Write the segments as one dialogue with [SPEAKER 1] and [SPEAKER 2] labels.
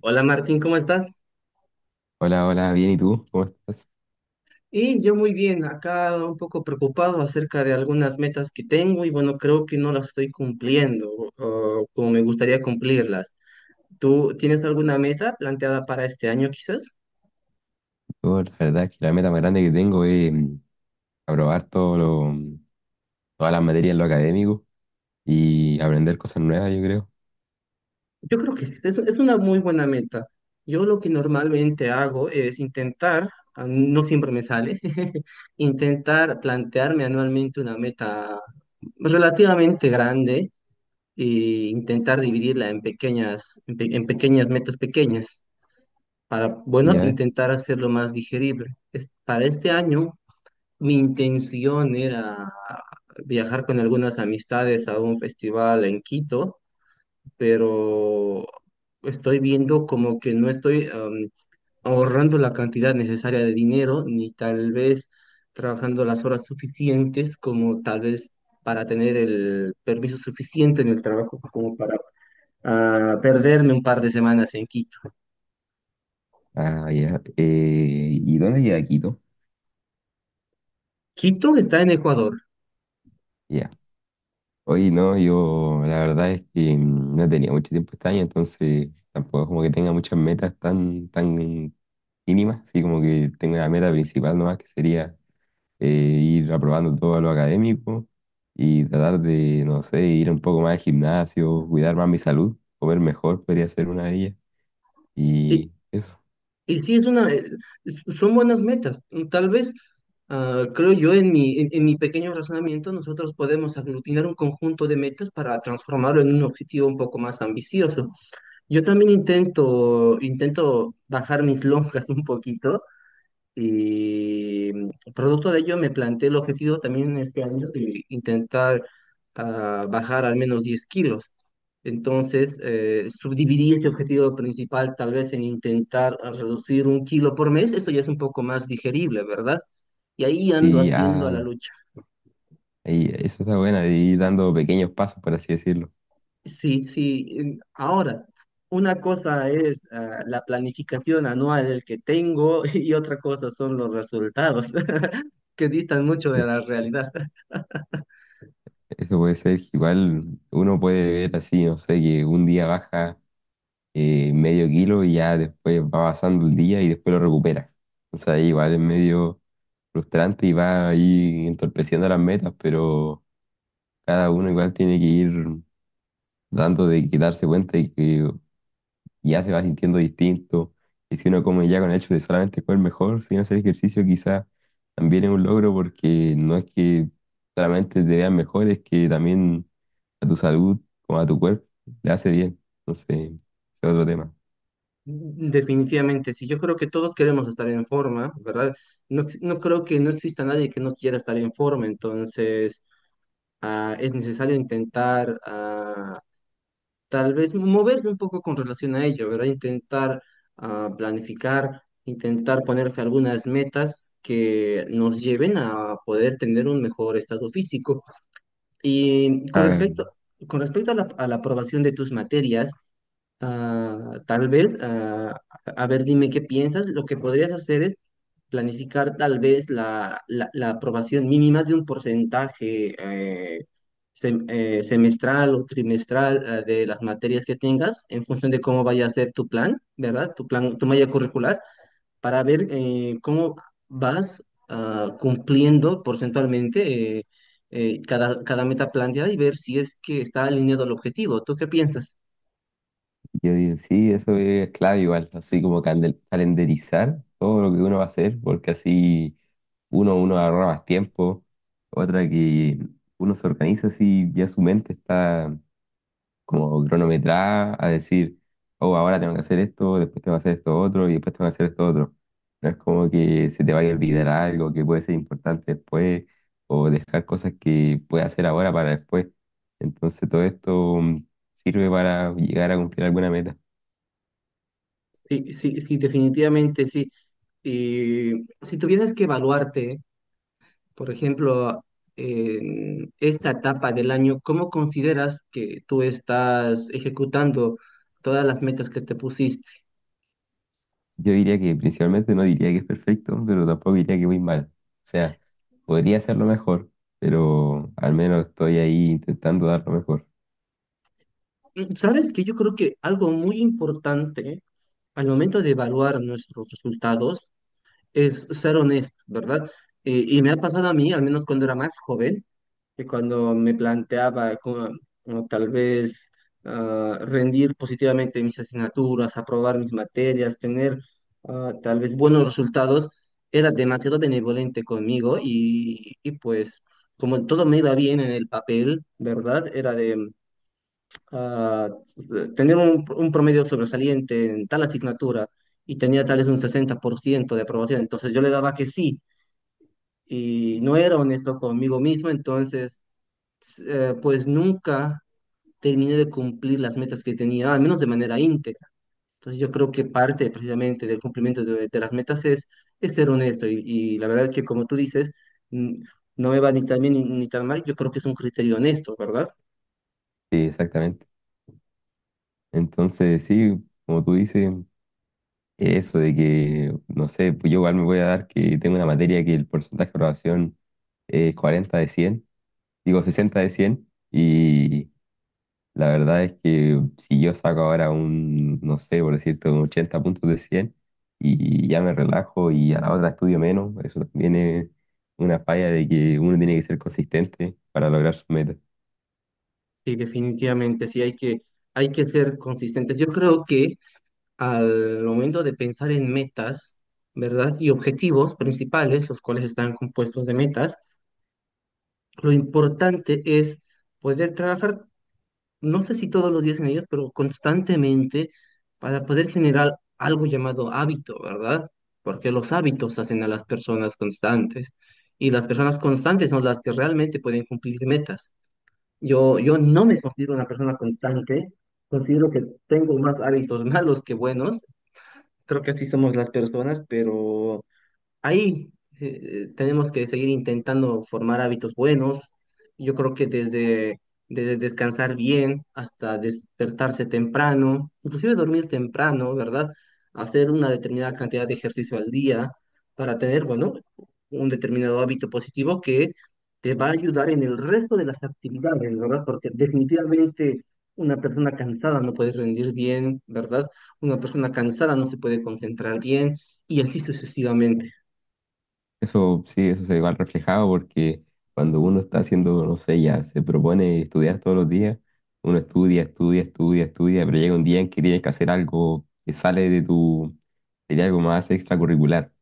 [SPEAKER 1] Hola Martín, ¿cómo estás?
[SPEAKER 2] Hola, hola, bien, ¿y tú? ¿Cómo estás?
[SPEAKER 1] Y yo muy bien, acá un poco preocupado acerca de algunas metas que tengo y bueno, creo que no las estoy cumpliendo o como me gustaría cumplirlas. ¿Tú tienes alguna meta planteada para este año quizás?
[SPEAKER 2] Yo, la verdad es que la meta más grande que tengo es aprobar todas las materias en lo académico y aprender cosas nuevas, yo creo.
[SPEAKER 1] Yo creo que sí, es una muy buena meta. Yo lo que normalmente hago es intentar, no siempre me sale, intentar plantearme anualmente una meta relativamente grande e intentar dividirla en pequeñas, en pequeñas metas pequeñas para, bueno,
[SPEAKER 2] Ya.
[SPEAKER 1] intentar hacerlo más digerible. Para este año, mi intención era viajar con algunas amistades a un festival en Quito, pero estoy viendo como que no estoy ahorrando la cantidad necesaria de dinero, ni tal vez trabajando las horas suficientes como tal vez para tener el permiso suficiente en el trabajo como para a perderme un par de semanas en Quito.
[SPEAKER 2] Ah, ya. ¿Y dónde queda Quito?
[SPEAKER 1] Quito está en Ecuador.
[SPEAKER 2] Ya. Hoy no, yo la verdad es que no tenía mucho tiempo este año, entonces tampoco como que tenga muchas metas tan mínimas, así como que tengo una meta principal nomás que sería eh, ir aprobando todo lo académico y tratar de, no sé, ir un poco más al gimnasio, cuidar más mi salud, comer mejor podría ser una de ellas.
[SPEAKER 1] Y,
[SPEAKER 2] Y eso.
[SPEAKER 1] y sí, es una, son buenas metas. Tal vez, creo yo, en mi pequeño razonamiento, nosotros podemos aglutinar un conjunto de metas para transformarlo en un objetivo un poco más ambicioso. Yo también intento bajar mis lonjas un poquito. Y producto de ello me planteé el objetivo también este año de intentar bajar al menos 10 kilos. Entonces, subdividí este objetivo principal tal vez en intentar reducir 1 kilo por mes. Esto ya es un poco más digerible, ¿verdad? Y ahí ando
[SPEAKER 2] Y,
[SPEAKER 1] haciendo a la
[SPEAKER 2] ah,
[SPEAKER 1] lucha.
[SPEAKER 2] y eso está buena, de ir dando pequeños pasos, por así decirlo.
[SPEAKER 1] Sí, sí. Ahora, una cosa es la planificación anual que tengo y otra cosa son los resultados que distan mucho de
[SPEAKER 2] Sí,
[SPEAKER 1] la realidad.
[SPEAKER 2] eso puede ser que igual uno puede ver así, no sé, que un día baja medio kilo y ya después va pasando el día y después lo recupera. O sea, igual es medio frustrante y va ahí entorpeciendo las metas, pero cada uno igual tiene que ir dando de que darse cuenta de que ya se va sintiendo distinto. Y si uno come ya con el hecho de solamente comer mejor, sin hacer ejercicio, quizá también es un logro porque no es que solamente te veas mejor, es que también a tu salud como a tu cuerpo le hace bien. Entonces, ese es otro tema.
[SPEAKER 1] Definitivamente, sí, yo creo que todos queremos estar en forma, ¿verdad? No, no creo que no exista nadie que no quiera estar en forma, entonces es necesario intentar tal vez moverse un poco con relación a ello, ¿verdad? Intentar planificar, intentar ponerse algunas metas que nos lleven a poder tener un mejor estado físico. Y con
[SPEAKER 2] Ah,
[SPEAKER 1] respecto, con respecto a la aprobación de tus materias. Tal vez, a ver, dime qué piensas. Lo que podrías hacer es planificar tal vez la aprobación mínima de un porcentaje eh, semestral o trimestral de las materias que tengas en función de cómo vaya a ser tu plan, ¿verdad? Tu plan, tu malla curricular, para ver cómo vas cumpliendo porcentualmente cada meta planteada y ver si es que está alineado al objetivo. ¿Tú qué piensas?
[SPEAKER 2] yo digo, sí, eso es clave igual, así como calendarizar todo lo que uno va a hacer, porque así uno ahorra más tiempo. Otra que uno se organiza así, ya su mente está como cronometrada a decir, oh, ahora tengo que hacer esto, después tengo que hacer esto otro y después tengo que hacer esto otro. No es como que se te vaya a olvidar algo que puede ser importante después o dejar cosas que puedes hacer ahora para después. Entonces todo esto sirve para llegar a cumplir alguna meta.
[SPEAKER 1] Sí, sí, sí, definitivamente sí. Y si tuvieras que evaluarte, por ejemplo, en esta etapa del año, ¿cómo consideras que tú estás ejecutando todas las metas que te pusiste?
[SPEAKER 2] Yo diría que principalmente no diría que es perfecto, pero tampoco diría que voy mal. O sea, podría hacerlo mejor, pero al menos estoy ahí intentando dar lo mejor.
[SPEAKER 1] Sabes que yo creo que algo muy importante al momento de evaluar nuestros resultados es ser honesto, ¿verdad? Y me ha pasado a mí, al menos cuando era más joven, que cuando me planteaba como tal vez rendir positivamente mis asignaturas, aprobar mis materias, tener tal vez buenos resultados, era demasiado benevolente conmigo y pues como todo me iba bien en el papel, ¿verdad? Era de ah, tener un promedio sobresaliente en tal asignatura y tenía tal vez un 60% de aprobación, entonces yo le daba que sí y no era honesto conmigo mismo, entonces pues nunca terminé de cumplir las metas que tenía, al menos de manera íntegra. Entonces yo creo que parte precisamente del cumplimiento de las metas es ser honesto y la verdad es que como tú dices, mm, no me va ni tan bien ni tan mal, yo creo que es un criterio honesto, ¿verdad?
[SPEAKER 2] Sí, exactamente. Entonces, sí, como tú dices, eso de que, no sé, pues yo igual me voy a dar que tengo una materia que el porcentaje de aprobación es 40 de 100, digo 60 de 100, y la verdad es que si yo saco ahora un, no sé, por decirte, un 80 puntos de 100 y ya me relajo y a la otra estudio menos, eso también es una falla de que uno tiene que ser consistente para lograr sus metas.
[SPEAKER 1] Sí, definitivamente, sí hay que ser consistentes. Yo creo que al momento de pensar en metas, ¿verdad? Y objetivos principales, los cuales están compuestos de metas, lo importante es poder trabajar, no sé si todos los días en ellos, pero constantemente, para poder generar algo llamado hábito, ¿verdad? Porque los hábitos hacen a las personas constantes y las personas constantes son las que realmente pueden cumplir metas. Yo no me considero una persona constante, considero que tengo más hábitos malos que buenos, creo que así somos las personas, pero ahí tenemos que seguir intentando formar hábitos buenos. Yo creo que desde descansar bien hasta despertarse temprano, inclusive dormir temprano, ¿verdad? Hacer una determinada cantidad de ejercicio al día para tener, bueno, un determinado hábito positivo que te va a ayudar en el resto de las actividades, ¿verdad? Porque definitivamente una persona cansada no puede rendir bien, ¿verdad? Una persona cansada no se puede concentrar bien, y así sucesivamente.
[SPEAKER 2] Eso sí, eso se va reflejado porque cuando uno está haciendo, no sé, ya se propone estudiar todos los días, uno estudia, estudia, estudia, estudia, pero llega un día en que tienes que hacer algo que sale de tu, sería algo más extracurricular.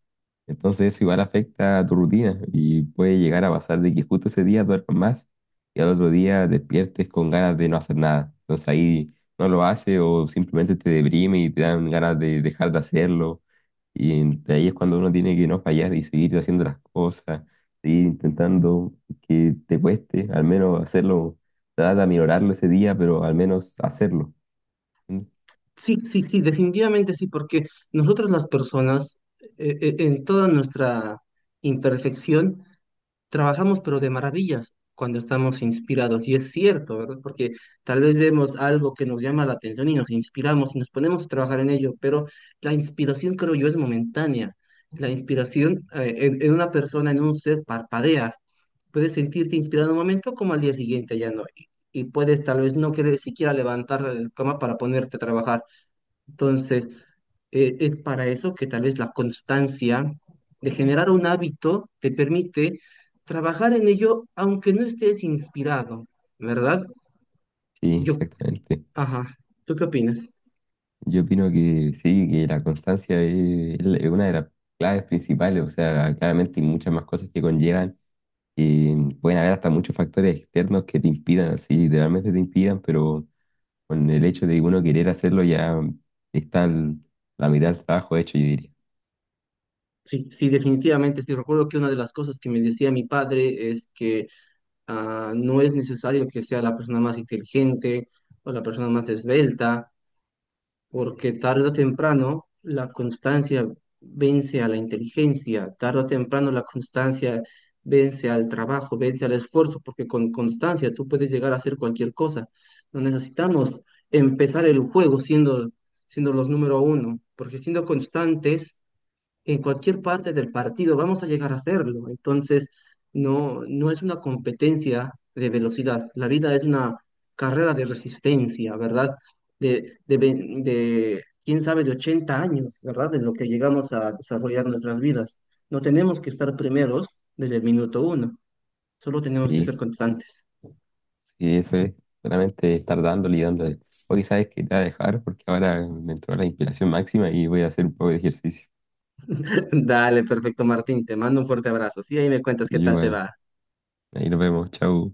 [SPEAKER 2] Entonces eso igual afecta a tu rutina y puede llegar a pasar de que justo ese día duermas más y al otro día despiertes con ganas de no hacer nada. Entonces ahí no lo haces o simplemente te deprime y te dan ganas de dejar de hacerlo. Y de ahí es cuando uno tiene que no fallar y seguir haciendo las cosas, seguir intentando que te cueste, al menos hacerlo, trata de aminorarlo ese día, pero al menos hacerlo. Sí.
[SPEAKER 1] Sí, sí, sí, definitivamente sí, porque nosotros las personas, en toda nuestra imperfección, trabajamos pero de maravillas cuando estamos inspirados. Y es cierto, ¿verdad? Porque tal vez vemos algo que nos llama la atención y nos inspiramos y nos ponemos a trabajar en ello, pero la inspiración, creo yo, es momentánea. La inspiración, en una persona, en un ser, parpadea. Puedes sentirte inspirado en un momento como al día siguiente ya no. Y puedes tal vez no querer siquiera levantar de la cama para ponerte a trabajar. Entonces, es para eso que tal vez la constancia de generar un hábito te permite trabajar en ello aunque no estés inspirado, ¿verdad?
[SPEAKER 2] Sí,
[SPEAKER 1] Yo,
[SPEAKER 2] exactamente.
[SPEAKER 1] ajá, ¿tú qué opinas?
[SPEAKER 2] Yo opino que sí, que la constancia es una de las claves principales, o sea, claramente hay muchas más cosas que conllevan, y pueden haber hasta muchos factores externos que te impidan, así, literalmente te impidan, pero con el hecho de uno querer hacerlo ya está la mitad del trabajo hecho, yo diría.
[SPEAKER 1] Sí, sí, definitivamente, sí, recuerdo que una de las cosas que me decía mi padre es que no es necesario que sea la persona más inteligente o la persona más esbelta, porque tarde o temprano la constancia vence a la inteligencia, tarde o temprano la constancia vence al trabajo, vence al esfuerzo, porque con constancia tú puedes llegar a hacer cualquier cosa. No necesitamos empezar el juego siendo los número uno, porque siendo constantes en cualquier parte del partido vamos a llegar a hacerlo. Entonces, no, no es una competencia de velocidad. La vida es una carrera de resistencia, ¿verdad? De quién sabe, de 80 años, ¿verdad? En lo que llegamos a desarrollar nuestras vidas. No tenemos que estar primeros desde el minuto uno. Solo tenemos que
[SPEAKER 2] Sí,
[SPEAKER 1] ser constantes.
[SPEAKER 2] sí, eso es, solamente estar dándole y dándole. O quizás que te voy a dejar porque ahora me entró la inspiración máxima y voy a hacer un poco de ejercicio.
[SPEAKER 1] Dale, perfecto, Martín. Te mando un fuerte abrazo. Sí, ahí me cuentas qué
[SPEAKER 2] Yo,
[SPEAKER 1] tal te
[SPEAKER 2] igual,
[SPEAKER 1] va.
[SPEAKER 2] ahí nos vemos, chao.